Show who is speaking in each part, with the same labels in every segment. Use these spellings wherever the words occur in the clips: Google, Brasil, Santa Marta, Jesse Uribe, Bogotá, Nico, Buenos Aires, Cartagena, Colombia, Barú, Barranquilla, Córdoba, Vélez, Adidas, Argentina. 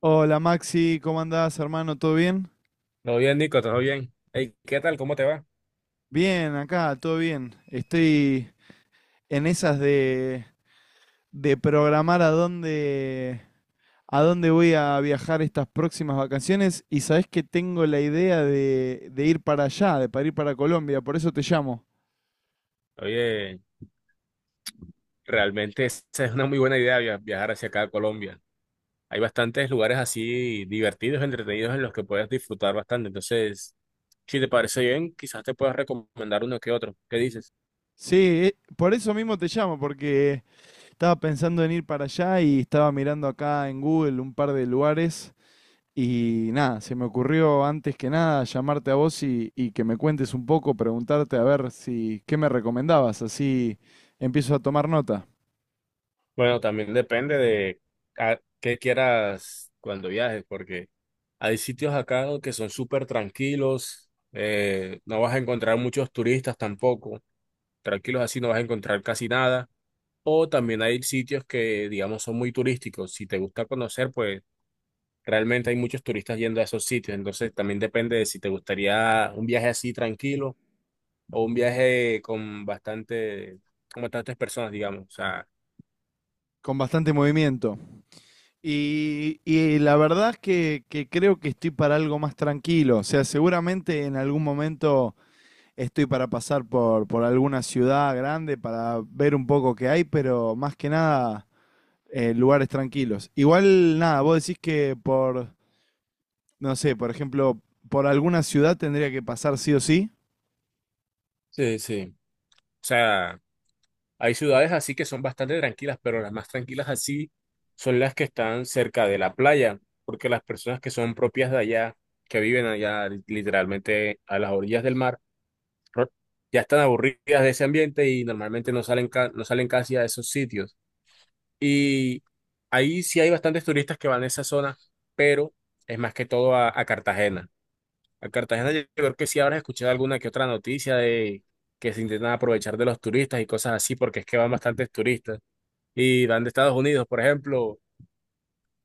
Speaker 1: Hola Maxi, ¿cómo andás, hermano? ¿Todo bien?
Speaker 2: Todo bien, Nico, todo bien. Ey, ¿qué tal? ¿Cómo te va?
Speaker 1: Bien, acá, todo bien. Estoy en esas de programar a dónde voy a viajar estas próximas vacaciones, y sabés que tengo la idea de ir para allá, de para ir para Colombia, por eso te llamo.
Speaker 2: Oye, realmente esa es una muy buena idea viajar hacia acá a Colombia. Hay bastantes lugares así divertidos, entretenidos en los que puedes disfrutar bastante. Entonces, si te parece bien, quizás te puedas recomendar uno que otro. ¿Qué dices?
Speaker 1: Sí, por eso mismo te llamo, porque estaba pensando en ir para allá y estaba mirando acá en Google un par de lugares. Y nada, se me ocurrió antes que nada llamarte a vos y que me cuentes un poco, preguntarte a ver si qué me recomendabas, así empiezo a tomar nota,
Speaker 2: Bueno, también depende de a qué quieras cuando viajes, porque hay sitios acá que son súper tranquilos, no vas a encontrar muchos turistas tampoco. Tranquilos así no vas a encontrar casi nada. O también hay sitios que, digamos, son muy turísticos. Si te gusta conocer, pues realmente hay muchos turistas yendo a esos sitios. Entonces también depende de si te gustaría un viaje así tranquilo o un viaje con bastante, con bastantes personas, digamos. O sea,
Speaker 1: con bastante movimiento. Y la verdad es que creo que estoy para algo más tranquilo, o sea, seguramente en algún momento estoy para pasar por alguna ciudad grande para ver un poco qué hay, pero más que nada lugares tranquilos. Igual nada, vos decís que por no sé, por ejemplo, por alguna ciudad tendría que pasar sí o sí.
Speaker 2: sí, sí. O sea, hay ciudades así que son bastante tranquilas, pero las más tranquilas así son las que están cerca de la playa, porque las personas que son propias de allá, que viven allá literalmente a las orillas del mar, ¿no? Ya están aburridas de ese ambiente y normalmente no salen, no salen casi a esos sitios. Y ahí sí hay bastantes turistas que van a esa zona, pero es más que todo a Cartagena. A Cartagena yo creo que sí habrás escuchado alguna que otra noticia de que se intentan aprovechar de los turistas y cosas así, porque es que van bastantes turistas y van de Estados Unidos, por ejemplo.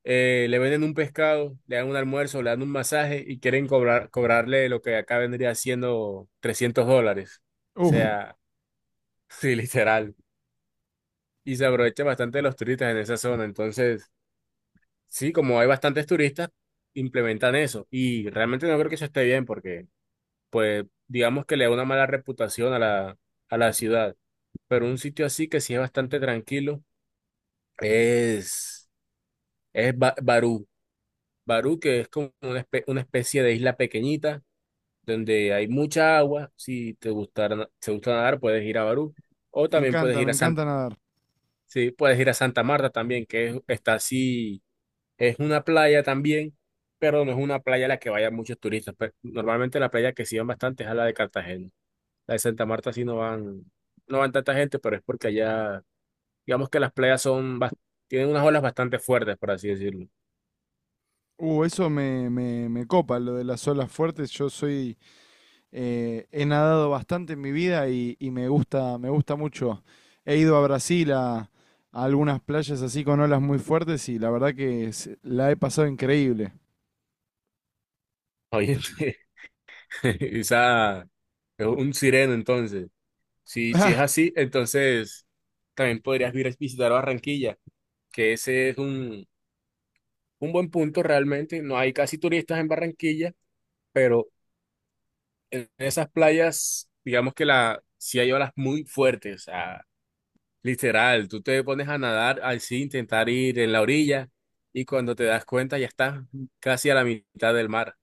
Speaker 2: Le venden un pescado, le dan un almuerzo, le dan un masaje y quieren cobrarle lo que acá vendría siendo $300. O
Speaker 1: Uf,
Speaker 2: sea, sí, literal. Y se aprovecha bastante de los turistas en esa zona. Entonces, sí, como hay bastantes turistas, implementan eso. Y realmente no creo que eso esté bien porque, pues, digamos que le da una mala reputación a a la ciudad. Pero un sitio así que sí es bastante tranquilo es, Barú. Barú, que es como una especie de isla pequeñita donde hay mucha agua. Si te gustara, si te gusta nadar, puedes ir a Barú. O también puedes
Speaker 1: me encanta nadar.
Speaker 2: sí, puedes ir a Santa Marta también, está así. Es una playa también, pero no es una playa a la que vayan muchos turistas. Normalmente la playa que sí van bastante es a la de Cartagena. La de Santa Marta sí no van, no van tanta gente, pero es porque allá, digamos que las playas tienen unas olas bastante fuertes, por así decirlo.
Speaker 1: Eso me copa, lo de las olas fuertes. Yo soy, he nadado bastante en mi vida y me gusta mucho. He ido a Brasil a algunas playas así con olas muy fuertes y la verdad que se- la he pasado increíble.
Speaker 2: Oye, quizá es un sireno entonces. Si, si es
Speaker 1: Ah,
Speaker 2: así, entonces también podrías vir a visitar Barranquilla, que ese es un buen punto realmente. No hay casi turistas en Barranquilla, pero en esas playas, digamos que si hay olas muy fuertes, o sea, literal, tú te pones a nadar así, intentar ir en la orilla y cuando te das cuenta ya estás casi a la mitad del mar.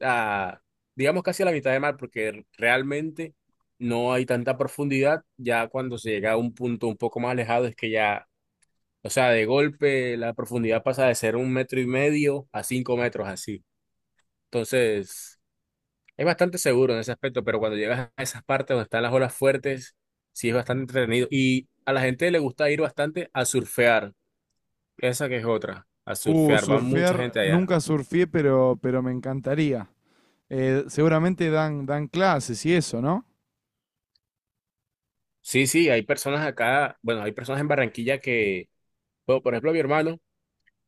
Speaker 2: Ah, digamos casi a la mitad del mar porque realmente no hay tanta profundidad, ya cuando se llega a un punto un poco más alejado es que ya, o sea, de golpe la profundidad pasa de ser un metro y medio a 5 metros así. Entonces... Es bastante seguro en ese aspecto, pero cuando llegas a esas partes donde están las olas fuertes, sí es bastante entretenido. Y a la gente le gusta ir bastante a surfear. Esa que es otra, a surfear. Va mucha
Speaker 1: Surfear,
Speaker 2: gente allá.
Speaker 1: nunca surfé, pero me encantaría. Seguramente dan clases y eso, ¿no?
Speaker 2: Sí, sí, hay personas acá, bueno, hay personas en Barranquilla que, bueno, por ejemplo,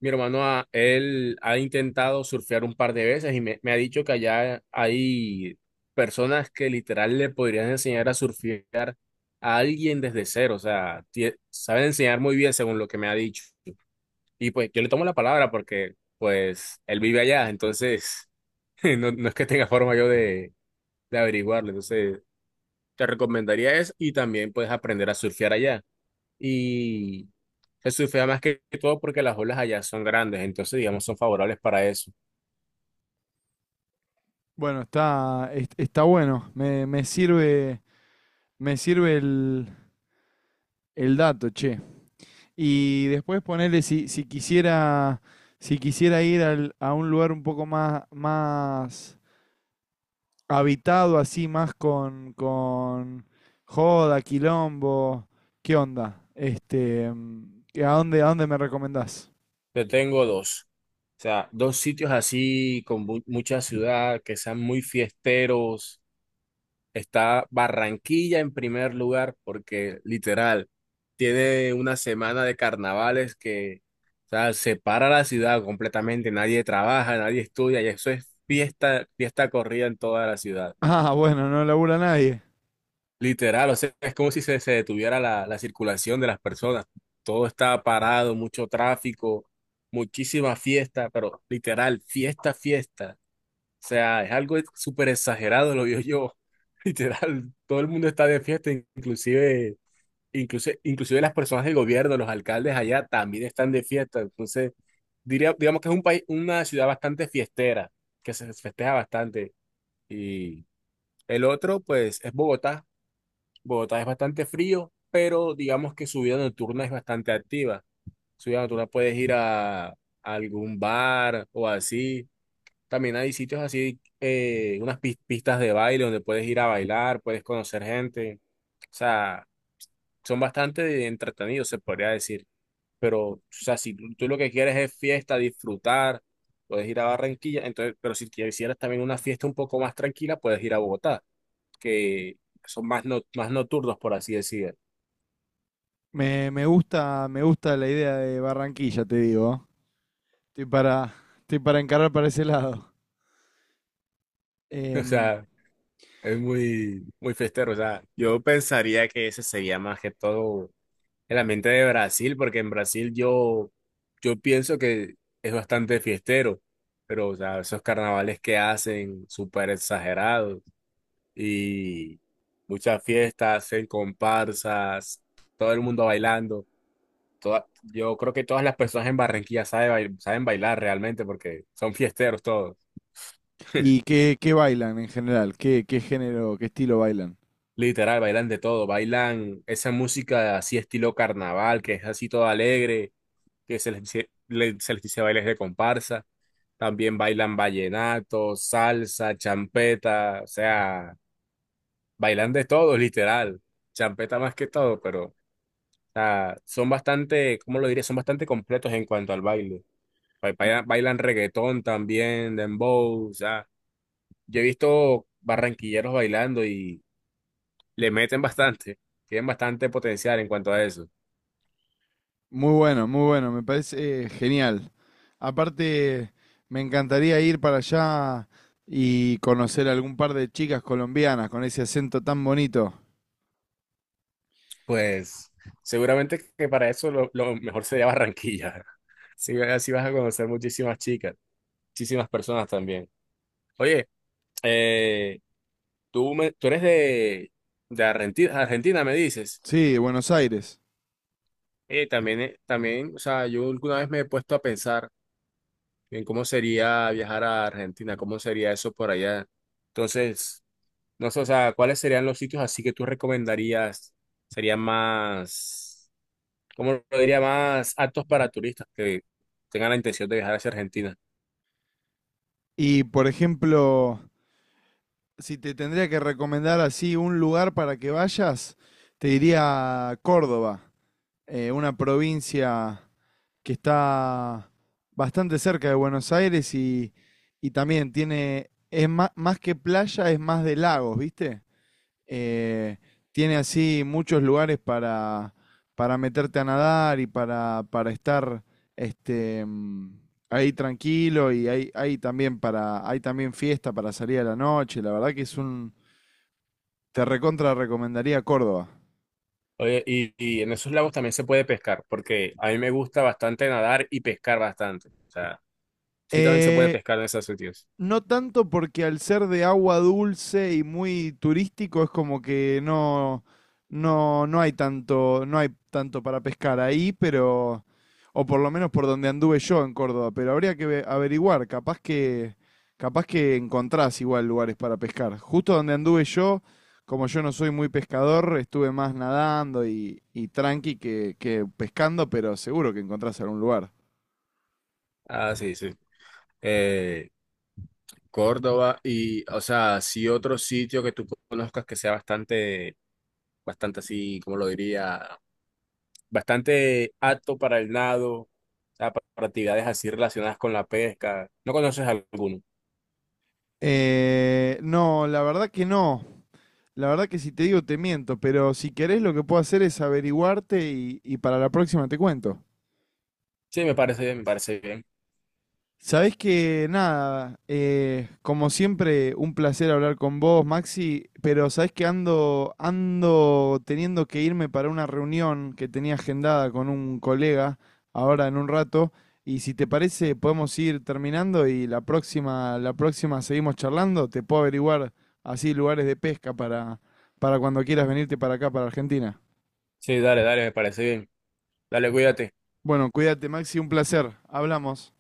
Speaker 2: mi hermano, él ha intentado surfear un par de veces y me ha dicho que allá hay personas que literal le podrían enseñar a surfear a alguien desde cero. O sea, saben enseñar muy bien según lo que me ha dicho. Y pues yo le tomo la palabra porque pues él vive allá, entonces no, no es que tenga forma yo de averiguarlo. Entonces te recomendaría eso y también puedes aprender a surfear allá. Y se surfea más que todo porque las olas allá son grandes, entonces digamos son favorables para eso.
Speaker 1: Bueno, está, es- está bueno. Me sirve el dato, che. Y después ponerle si quisiera, si quisiera ir al- a un lugar un poco más, más habitado, así, más con joda, quilombo, ¿qué onda? Este, ¿qué- a dónde me recomendás?
Speaker 2: Yo tengo o sea, dos sitios así con mucha ciudad que sean muy fiesteros. Está Barranquilla en primer lugar porque literal tiene una semana de carnavales que, o sea, separa la ciudad completamente, nadie trabaja, nadie estudia y eso es fiesta, fiesta corrida en toda la ciudad.
Speaker 1: Ah, bueno, no labura nadie.
Speaker 2: Literal, o sea, es como si se detuviera la circulación de las personas. Todo está parado, mucho tráfico, muchísima fiesta, pero literal, fiesta, fiesta. O sea, es algo súper exagerado, lo vio yo. Literal, todo el mundo está de fiesta, inclusive las personas del gobierno, los alcaldes allá también están de fiesta. Entonces, diría, digamos que es un país, una ciudad bastante fiestera, que se festeja bastante. Y el otro, pues, es Bogotá. Bogotá es bastante frío, pero digamos que su vida nocturna es bastante activa. Su vida nocturna puedes ir a algún bar o así también hay sitios así, unas pistas de baile donde puedes ir a bailar, puedes conocer gente. O sea, son bastante entretenidos, se podría decir. Pero, o sea, si tú lo que quieres es fiesta, disfrutar, puedes ir a Barranquilla. Entonces, pero si quisieras también una fiesta un poco más tranquila, puedes ir a Bogotá, que son más, más nocturnos, por así decir.
Speaker 1: Me gusta la idea de Barranquilla, te digo. Estoy para, estoy para encarar para ese lado.
Speaker 2: O
Speaker 1: Em,
Speaker 2: sea, es muy, muy festero. O sea, yo pensaría que ese sería más que todo. El ambiente de Brasil, porque en Brasil yo, yo pienso que es bastante fiestero, pero o sea, esos carnavales que hacen súper exagerados y muchas fiestas, hacen comparsas, todo el mundo bailando. Yo creo que todas las personas en Barranquilla saben, saben bailar realmente porque son fiesteros todos,
Speaker 1: ¿Y qué, qué bailan en general? ¿Qué, qué género, qué estilo bailan?
Speaker 2: literal, bailan de todo, bailan esa música así estilo carnaval, que es así todo alegre que se les dice bailes de comparsa. También bailan vallenato, salsa, champeta, o sea, bailan de todo, literal. Champeta más que todo, pero o sea, son bastante, ¿cómo lo diría? Son bastante completos en cuanto al baile. Bailan, reggaetón también, dembow, o sea, yo he visto barranquilleros bailando y le meten bastante, tienen bastante potencial en cuanto a eso.
Speaker 1: Muy bueno, muy bueno, me parece genial. Aparte, me encantaría ir para allá y conocer algún par de chicas colombianas con ese acento tan bonito.
Speaker 2: Pues seguramente que para eso lo mejor sería Barranquilla. Sí, así vas a conocer muchísimas chicas, muchísimas personas también. Oye, eh, tú eres de Argentina, Argentina, me dices.
Speaker 1: Sí, de Buenos Aires.
Speaker 2: También, o sea, yo alguna vez me he puesto a pensar en cómo sería viajar a Argentina, cómo sería eso por allá. Entonces, no sé, o sea, ¿cuáles serían los sitios así que tú recomendarías? ¿Serían más...? Como lo diría, más aptos para turistas que tengan la intención de viajar hacia Argentina.
Speaker 1: Y por ejemplo, si te tendría que recomendar así un lugar para que vayas, te diría Córdoba, una provincia que está bastante cerca de Buenos Aires y también tiene, es más, más que playa, es más de lagos, ¿viste? Eh, tiene así muchos lugares para meterte a nadar y para estar este, ahí tranquilo y hay también para, hay también fiesta para salir a la noche. La verdad que es un, te recontra recomendaría Córdoba.
Speaker 2: Oye, y en esos lagos también se puede pescar, porque a mí me gusta bastante nadar y pescar bastante. O sea, sí también se puede
Speaker 1: Eh,
Speaker 2: pescar en esos sitios.
Speaker 1: No tanto porque al ser de agua dulce y muy turístico es como que no, no, no hay tanto, no hay tanto para pescar ahí, pero, o por lo menos por donde anduve yo en Córdoba, pero habría que ve- averiguar, capaz que encontrás igual lugares para pescar. Justo donde anduve yo, como yo no soy muy pescador, estuve más nadando y tranqui que pescando, pero seguro que encontrás algún lugar.
Speaker 2: Ah, sí, sí. Eh, Córdoba y, o sea, sí otro sitio que tú conozcas que sea bastante, bastante así, como lo diría, bastante apto para el nado, o sea, para actividades así relacionadas con la pesca. ¿No conoces alguno?
Speaker 1: No, la verdad que no. La verdad que si te digo te miento, pero si querés lo que puedo hacer es averiguarte y para la próxima te cuento.
Speaker 2: Sí, me parece bien, me parece bien.
Speaker 1: Sabés que nada, como siempre, un placer hablar con vos, Maxi, pero sabés que ando, ando teniendo que irme para una reunión que tenía agendada con un colega ahora en un rato, y si te parece podemos ir terminando y la próxima seguimos charlando, te puedo averiguar así lugares de pesca para cuando quieras venirte para acá, para Argentina.
Speaker 2: Sí, dale, dale, me parece bien. Dale, cuídate.
Speaker 1: Bueno, cuídate, Maxi, un placer. Hablamos.